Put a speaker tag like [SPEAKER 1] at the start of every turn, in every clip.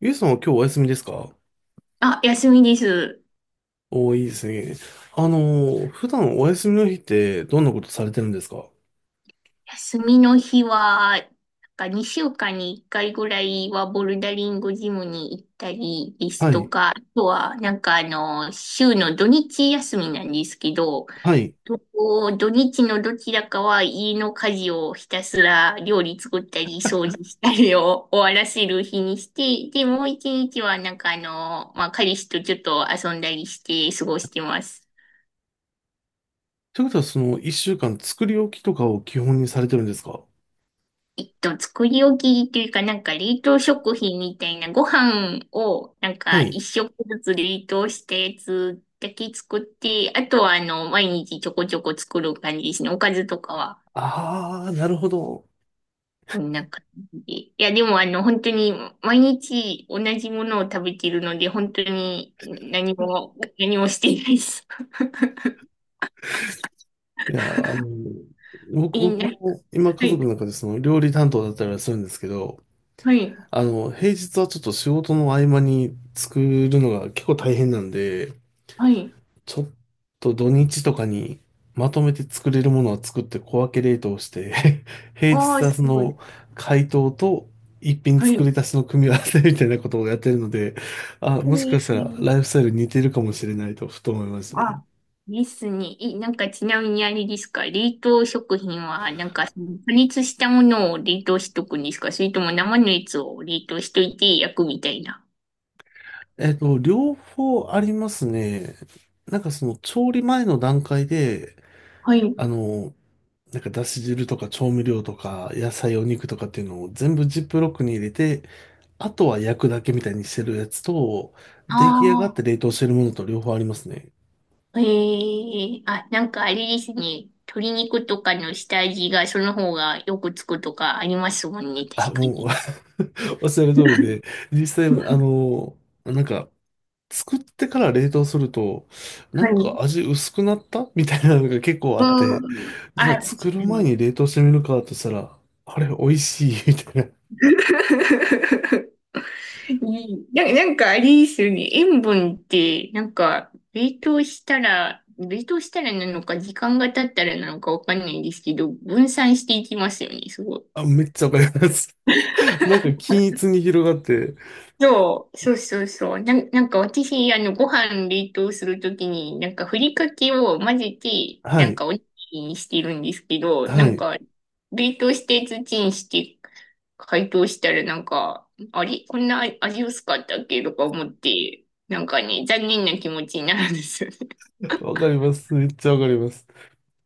[SPEAKER 1] ゆうさんは今日お休みですか？
[SPEAKER 2] あ、休みです。
[SPEAKER 1] おー、いいですね。あの普段お休みの日ってどんなことされてるんですか？
[SPEAKER 2] 休みの日は、なんか2週間に1回ぐらいはボルダリングジムに行ったりです
[SPEAKER 1] は
[SPEAKER 2] と
[SPEAKER 1] い。
[SPEAKER 2] か、あとは、なんか週の土日休みなんですけど、
[SPEAKER 1] はい。
[SPEAKER 2] 土日のどちらかは家の家事をひたすら料理作ったり掃除したりを 終わらせる日にして、で、もう一日はなんかまあ、彼氏とちょっと遊んだりして過ごしてます。
[SPEAKER 1] ということは、その一週間作り置きとかを基本にされてるんですか？
[SPEAKER 2] 作り置きというか、なんか冷凍食品みたいなご飯を、なん
[SPEAKER 1] は
[SPEAKER 2] か一
[SPEAKER 1] い。
[SPEAKER 2] 食ずつ冷凍したやつだけ作って、あとは毎日ちょこちょこ作る感じですね。おかずとかは、
[SPEAKER 1] あー、なるほど。
[SPEAKER 2] こんな感じで。いや、でも本当に毎日同じものを食べてるので、本当に何も、何もしていないです。
[SPEAKER 1] いや、あのー僕、
[SPEAKER 2] いい
[SPEAKER 1] 僕
[SPEAKER 2] な。
[SPEAKER 1] も今家
[SPEAKER 2] は
[SPEAKER 1] 族
[SPEAKER 2] い。
[SPEAKER 1] の中でその料理担当だったりはするんですけど、
[SPEAKER 2] はい。
[SPEAKER 1] 平日はちょっと仕事の合間に作るのが結構大変なんで、
[SPEAKER 2] はい。
[SPEAKER 1] ちょっと土日とかにまとめて作れるものは作って小分け冷凍して 平
[SPEAKER 2] ああ、
[SPEAKER 1] 日は
[SPEAKER 2] す
[SPEAKER 1] そ
[SPEAKER 2] ごい。
[SPEAKER 1] の解凍と一品
[SPEAKER 2] は
[SPEAKER 1] 作
[SPEAKER 2] い。
[SPEAKER 1] り足しの組み合わせみたいなことをやってるので、あ、もしかしたらライフスタイル似てるかもしれないとふと思いましたね。
[SPEAKER 2] あ、ですね。え、なんかちなみにあれですか？冷凍食品は、なんか加熱したものを冷凍しとくんですか？それとも生のやつを冷凍しといて焼くみたいな。
[SPEAKER 1] えっと、両方ありますね。なんかその調理前の段階で、
[SPEAKER 2] はい。
[SPEAKER 1] あの、だし汁とか調味料とか野菜お肉とかっていうのを全部ジップロックに入れてあとは焼くだけみたいにしてるやつと、出来上がっ
[SPEAKER 2] あ
[SPEAKER 1] て冷凍してるものと両方ありますね。
[SPEAKER 2] あ、ええあ、なんかあれですね。鶏肉とかの下味がその方がよくつくとかありますもんね、確
[SPEAKER 1] あ、
[SPEAKER 2] か
[SPEAKER 1] もう
[SPEAKER 2] に。
[SPEAKER 1] おっしゃる通りで、実際、なんか、作ってから冷凍すると、な
[SPEAKER 2] は
[SPEAKER 1] ん
[SPEAKER 2] い。
[SPEAKER 1] か味薄くなったみたいなのが結構あって、
[SPEAKER 2] うん。
[SPEAKER 1] じゃあ
[SPEAKER 2] あ、確か
[SPEAKER 1] 作る前
[SPEAKER 2] に。
[SPEAKER 1] に冷凍してみるかとしたら、あれ、美味しい みたいな。
[SPEAKER 2] いいな、なんかあれですよね。塩分って、なんか、冷凍したら、冷凍したらなのか、時間が経ったらなのかわかんないんですけど、分散していきますよね、すごい。
[SPEAKER 1] あ、めっちゃわかります。なんか均一に広がって、
[SPEAKER 2] そう、そうそうそう。なんか私、あの、ご飯冷凍するときに、なんかふりかけを混ぜて、
[SPEAKER 1] は
[SPEAKER 2] なん
[SPEAKER 1] い、
[SPEAKER 2] かおにぎりにしてるんですけど、な
[SPEAKER 1] は
[SPEAKER 2] ん
[SPEAKER 1] い。
[SPEAKER 2] か、冷凍して土にして、解凍したらなんか、あれこんな味薄かったっけとか思って、なんかね、残念な気持ちになるんですよね。
[SPEAKER 1] わかります。めっちゃわかります。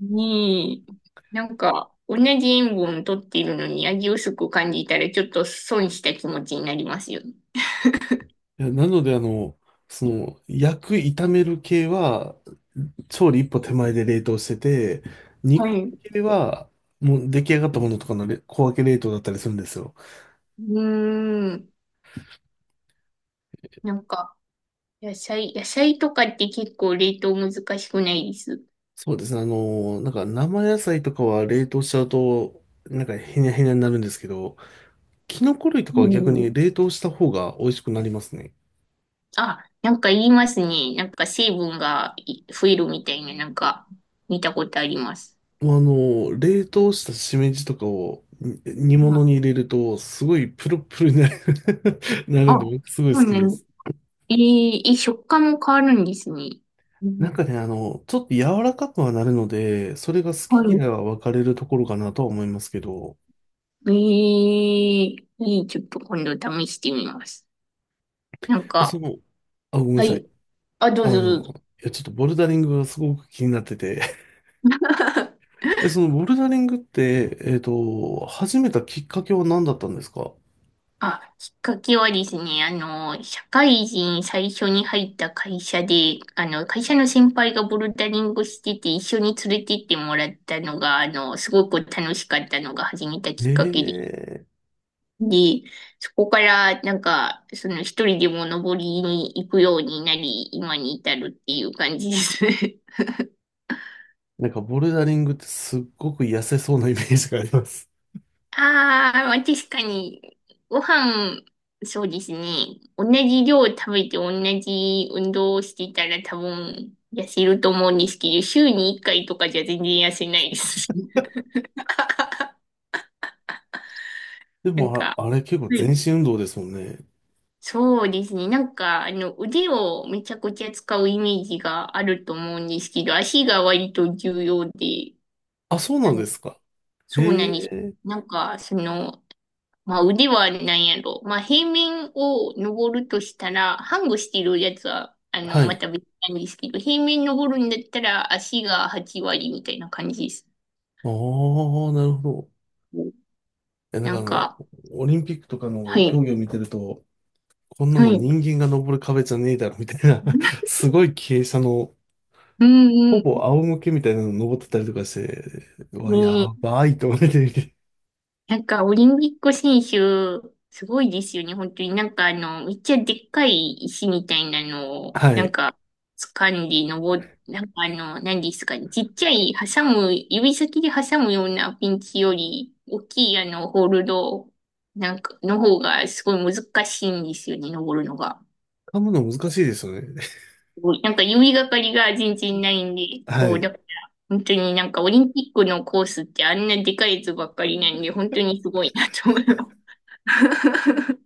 [SPEAKER 2] に、なんか、同じ塩分を取っているのに味薄く感じたら、ちょっと損した気持ちになりますよね。
[SPEAKER 1] いやなので、焼く、炒める系は、調理一歩手前で冷凍して、煮
[SPEAKER 2] は
[SPEAKER 1] 込み
[SPEAKER 2] い。う
[SPEAKER 1] 系は、もう出来上がったものとかのれ小分け冷凍だったりするんですよ。
[SPEAKER 2] ーん。なんか、野菜とかって結構冷凍難しくないです
[SPEAKER 1] そうですね、生野菜とかは冷凍しちゃうと、なんかへにゃへにゃになるんですけど、キノコ類と
[SPEAKER 2] う
[SPEAKER 1] かは逆に
[SPEAKER 2] ん。
[SPEAKER 1] 冷凍した方が美味しくなりますね。
[SPEAKER 2] あ、なんか言いますね。なんか成分がい増えるみたいな、なんか見たことあります。
[SPEAKER 1] もうあの、冷凍したしめじとかをに煮
[SPEAKER 2] う
[SPEAKER 1] 物
[SPEAKER 2] ん、
[SPEAKER 1] に入れると、すごいプルプルになる なる
[SPEAKER 2] あ、
[SPEAKER 1] んで、
[SPEAKER 2] そ
[SPEAKER 1] 僕すごい好
[SPEAKER 2] う
[SPEAKER 1] き
[SPEAKER 2] ね。
[SPEAKER 1] です。
[SPEAKER 2] え、食感も変わるんですね。うん。
[SPEAKER 1] ちょっと柔らかくはなるので、それが好
[SPEAKER 2] は
[SPEAKER 1] き嫌
[SPEAKER 2] い。
[SPEAKER 1] いは分かれるところかなとは思いますけど、
[SPEAKER 2] いいちょっと今度試してみます。なん
[SPEAKER 1] でそ
[SPEAKER 2] か、
[SPEAKER 1] の、あ、ごめんな
[SPEAKER 2] は
[SPEAKER 1] さい。
[SPEAKER 2] い。あ、ど
[SPEAKER 1] あ
[SPEAKER 2] うぞどうぞ。
[SPEAKER 1] の、ちょっとボルダリングがすごく気になってて、でそのボルダリングって、始めたきっかけは何だったんですか？
[SPEAKER 2] あ、きっかけはですね、あの、社会人最初に入った会社で、あの、会社の先輩がボルダリングしてて、一緒に連れてってもらったのが、あの、すごく楽しかったのが始めた
[SPEAKER 1] え
[SPEAKER 2] きっかけで、
[SPEAKER 1] えー、
[SPEAKER 2] で、そこから、なんか、その一人でも登りに行くようになり、今に至るっていう感じですね。
[SPEAKER 1] なんかボルダリングってすっごく痩せそうなイメージがあります。
[SPEAKER 2] ああ、まあ確かに、ご飯、そうですね。同じ量食べて同じ運動をしてたら多分痩せると思うんですけど、週に1回とかじゃ全然痩せないです。
[SPEAKER 1] で
[SPEAKER 2] なん
[SPEAKER 1] も、
[SPEAKER 2] か、
[SPEAKER 1] あ、あれ結構
[SPEAKER 2] は
[SPEAKER 1] 全
[SPEAKER 2] い
[SPEAKER 1] 身運動ですもんね。
[SPEAKER 2] そうですね。なんか、あの、腕をめちゃくちゃ使うイメージがあると思うんですけど、足が割と重要で、
[SPEAKER 1] あ、そうな
[SPEAKER 2] な
[SPEAKER 1] んで
[SPEAKER 2] ん
[SPEAKER 1] すか。え
[SPEAKER 2] そうなんで
[SPEAKER 1] え
[SPEAKER 2] す。
[SPEAKER 1] ー、
[SPEAKER 2] なんか、その、まあ、腕はなんやろ。まあ、平面を登るとしたら、ハングしてるやつは、あ
[SPEAKER 1] は
[SPEAKER 2] の、ま
[SPEAKER 1] い。
[SPEAKER 2] た別なんですけど、平面登るんだったら足が8割みたいな感じです。
[SPEAKER 1] ああ、なるほど。え、なん
[SPEAKER 2] な
[SPEAKER 1] かあ
[SPEAKER 2] ん
[SPEAKER 1] の、
[SPEAKER 2] か、
[SPEAKER 1] オリンピックとか
[SPEAKER 2] は
[SPEAKER 1] の競
[SPEAKER 2] い、
[SPEAKER 1] 技を見てると、こんな
[SPEAKER 2] は
[SPEAKER 1] の
[SPEAKER 2] い。
[SPEAKER 1] 人間が登る壁じゃねえだろみたいな すごい傾斜の、
[SPEAKER 2] う
[SPEAKER 1] ほ
[SPEAKER 2] ん、
[SPEAKER 1] ぼ仰向けみたいなの登ってたりとかして、うわ、や
[SPEAKER 2] うん。
[SPEAKER 1] ばいと思って見て。
[SPEAKER 2] なんか、オリンピック選手、すごいですよね、本当に。なんか、あの、めっちゃでっかい石みたいなのを、
[SPEAKER 1] は
[SPEAKER 2] なん
[SPEAKER 1] い。
[SPEAKER 2] か、掴んでなんかあの、何ですかね、ちっちゃい、挟む、指先で挟むようなピンチより、大きいあの、ホールド、なんか、の方が、すごい難しいんですよね、登るのが。
[SPEAKER 1] 噛むの難しいですよね。
[SPEAKER 2] すごいなんか、指がかりが全然ないんで、
[SPEAKER 1] は
[SPEAKER 2] そう、
[SPEAKER 1] い。
[SPEAKER 2] だから、本当になんか、オリンピックのコースってあんなでかいやつばっかりなんで、本当にすごいなと思います。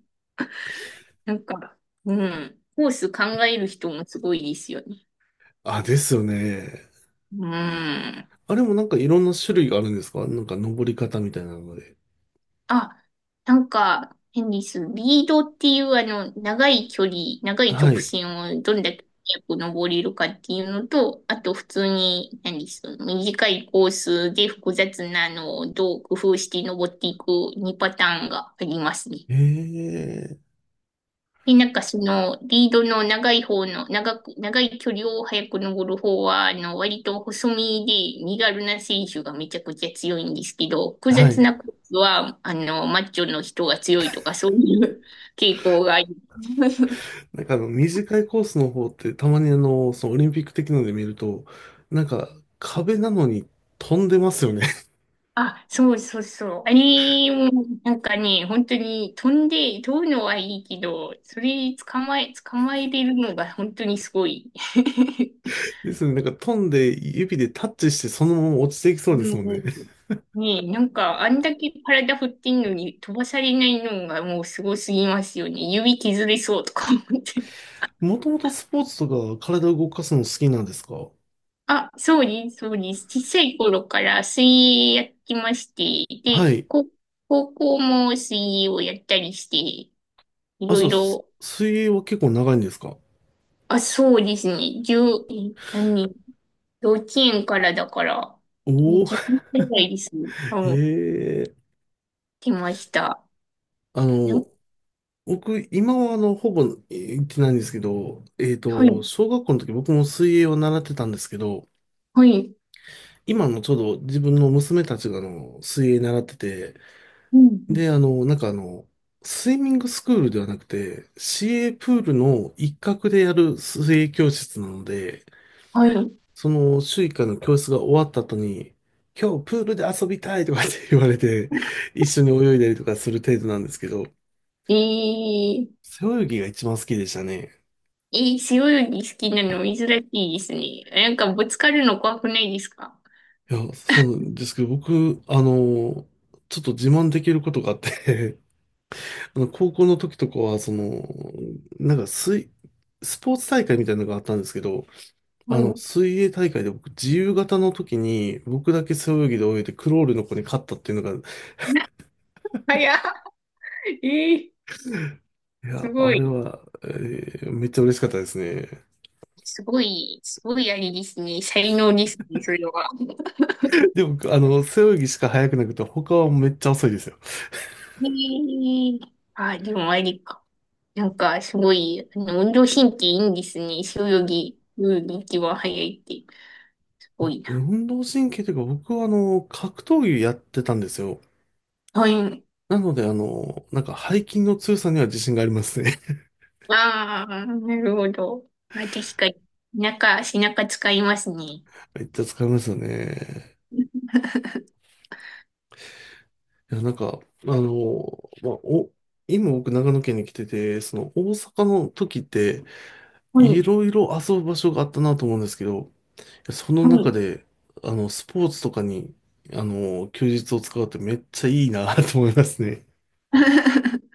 [SPEAKER 2] なんか、うん。コース考える人もすごいですよね。
[SPEAKER 1] あ、ですよね。
[SPEAKER 2] うん。
[SPEAKER 1] あれもなんかいろんな種類があるんですか？なんか登り方みたいなので。
[SPEAKER 2] あ、なんか、変です。リードっていうあの、長い距離、長い
[SPEAKER 1] は
[SPEAKER 2] 直
[SPEAKER 1] い。
[SPEAKER 2] 線をどんだけ速く登れるかっていうのと、あと普通に、何です。短いコースで複雑なのをどう工夫して登っていく2パターンがありますね。
[SPEAKER 1] ええ。
[SPEAKER 2] で、なんかその、リードの長い方の、長い距離を早く登る方は、あの、割と細身で身軽な選手がめちゃくちゃ強いんですけど、複
[SPEAKER 1] は
[SPEAKER 2] 雑
[SPEAKER 1] い。
[SPEAKER 2] なコースは、あの、マッチョの人が強いとか、そういう傾向があり
[SPEAKER 1] 短いコースの方ってたまにそのオリンピック的なので見ると、なんか壁なのに飛んでますよね。
[SPEAKER 2] あ、そうそうそう。あれも、なんかね、本当に飛んで、飛ぶのはいいけど、それ捕まえれるのが本当にすごい。
[SPEAKER 1] ですよね。なんか飛んで指でタッチしてそのまま落ちていきそ
[SPEAKER 2] う
[SPEAKER 1] うで
[SPEAKER 2] ん
[SPEAKER 1] すもん
[SPEAKER 2] う
[SPEAKER 1] ね。
[SPEAKER 2] ん ねえ、なんか、あんだけ体振ってんのに飛ばされないのがもうすごすぎますよね。指削れそうとか思って。
[SPEAKER 1] もともとスポーツとか体を動かすの好きなんですか？
[SPEAKER 2] あ、そうです、そうです。小さい頃から水泳やってまして、
[SPEAKER 1] は
[SPEAKER 2] で、
[SPEAKER 1] い。
[SPEAKER 2] 高校も水泳をやったりして、い
[SPEAKER 1] あ、
[SPEAKER 2] ろ
[SPEAKER 1] そ
[SPEAKER 2] い
[SPEAKER 1] う、す
[SPEAKER 2] ろ、
[SPEAKER 1] 水泳は結構長いんですか？
[SPEAKER 2] あ、そうですね。十、え何、幼稚園からだから、
[SPEAKER 1] おお、
[SPEAKER 2] 10年くらいですね。うん、
[SPEAKER 1] ええ、
[SPEAKER 2] 来ました。
[SPEAKER 1] あ
[SPEAKER 2] な
[SPEAKER 1] の、僕、今はほぼ行ってないんですけど、えっ
[SPEAKER 2] はい、
[SPEAKER 1] と、小学校の時僕も水泳を習ってたんですけど、
[SPEAKER 2] はい、
[SPEAKER 1] 今のちょうど自分の娘たちがあの水泳習ってて、
[SPEAKER 2] うん、うん
[SPEAKER 1] で、スイミングスクールではなくて、市営プールの一角でやる水泳教室なので、
[SPEAKER 2] はい。
[SPEAKER 1] その週1回の教室が終わった後に、今日プールで遊びたいとかって言われて、一緒に泳いだりとかする程度なんですけど、
[SPEAKER 2] ええ
[SPEAKER 1] 背泳ぎが一番好きでしたね。
[SPEAKER 2] 背泳ぎ好きなの珍しいですね。なんかぶつかるの怖くないですか？
[SPEAKER 1] そうなんですけど、僕、ちょっと自慢できることがあって、あの高校の時とかは、水、スポーツ大会みたいなのがあったんですけど、
[SPEAKER 2] はい。
[SPEAKER 1] 水泳大会で僕、自由形の時に、僕だけ背泳ぎで泳いで、クロールの子に勝ったっていうのが、
[SPEAKER 2] な早っ。ええ
[SPEAKER 1] い
[SPEAKER 2] す
[SPEAKER 1] や、
[SPEAKER 2] ご
[SPEAKER 1] あれ
[SPEAKER 2] い。
[SPEAKER 1] は、えーめっちゃ嬉しかったですね。
[SPEAKER 2] すごい、すごいあれですね。才能ですね、それは。
[SPEAKER 1] で、僕、背泳ぎしか速くなくて、他はめっちゃ遅いですよ。
[SPEAKER 2] ええあ、でもありか。なんかすごい、あの、運動神経いいんですね。背泳ぎ、泳ぎ一番早いって、すご
[SPEAKER 1] あ、
[SPEAKER 2] いな。
[SPEAKER 1] 運動神経というか、僕は、格闘技やってたんですよ。
[SPEAKER 2] はい。
[SPEAKER 1] なので、背筋の強さには自信がありますね。
[SPEAKER 2] ああ、なるほど。あ、確かに。背中、背中使いますね。
[SPEAKER 1] めっちゃ使いますよね。いや、なんか、あの、まあ、お、今僕長野県に来てて、その大阪の時って、
[SPEAKER 2] は
[SPEAKER 1] い
[SPEAKER 2] い。
[SPEAKER 1] ろいろ遊ぶ場所があったなと思うんですけど、その
[SPEAKER 2] は
[SPEAKER 1] 中
[SPEAKER 2] い
[SPEAKER 1] で、スポーツとかに、休日を使うってめっちゃいいな と思いますね。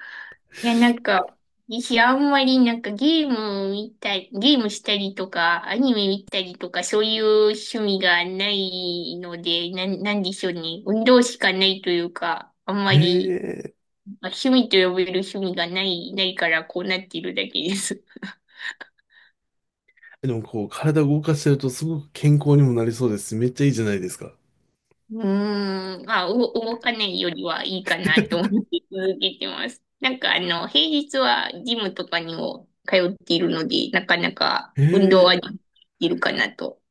[SPEAKER 2] いや、なんか、私あんまりなんかゲーム見たり、ゲームしたりとか、アニメ見たりとか、そういう趣味がないので、なんでしょうね。運動しかないというか、あんまり、
[SPEAKER 1] ええ、
[SPEAKER 2] まあ、趣味と呼べる趣味がないからこうなっているだけです。
[SPEAKER 1] でもこう、体動かしてるとすごく健康にもなりそうですし。めっちゃいいじゃないですか。
[SPEAKER 2] うーん、まあ、動かないよりはいいかなと 思って続けてます。なんかあの、平日はジムとかにも通っているので、なかなか運動はで
[SPEAKER 1] ええ
[SPEAKER 2] きるかなと。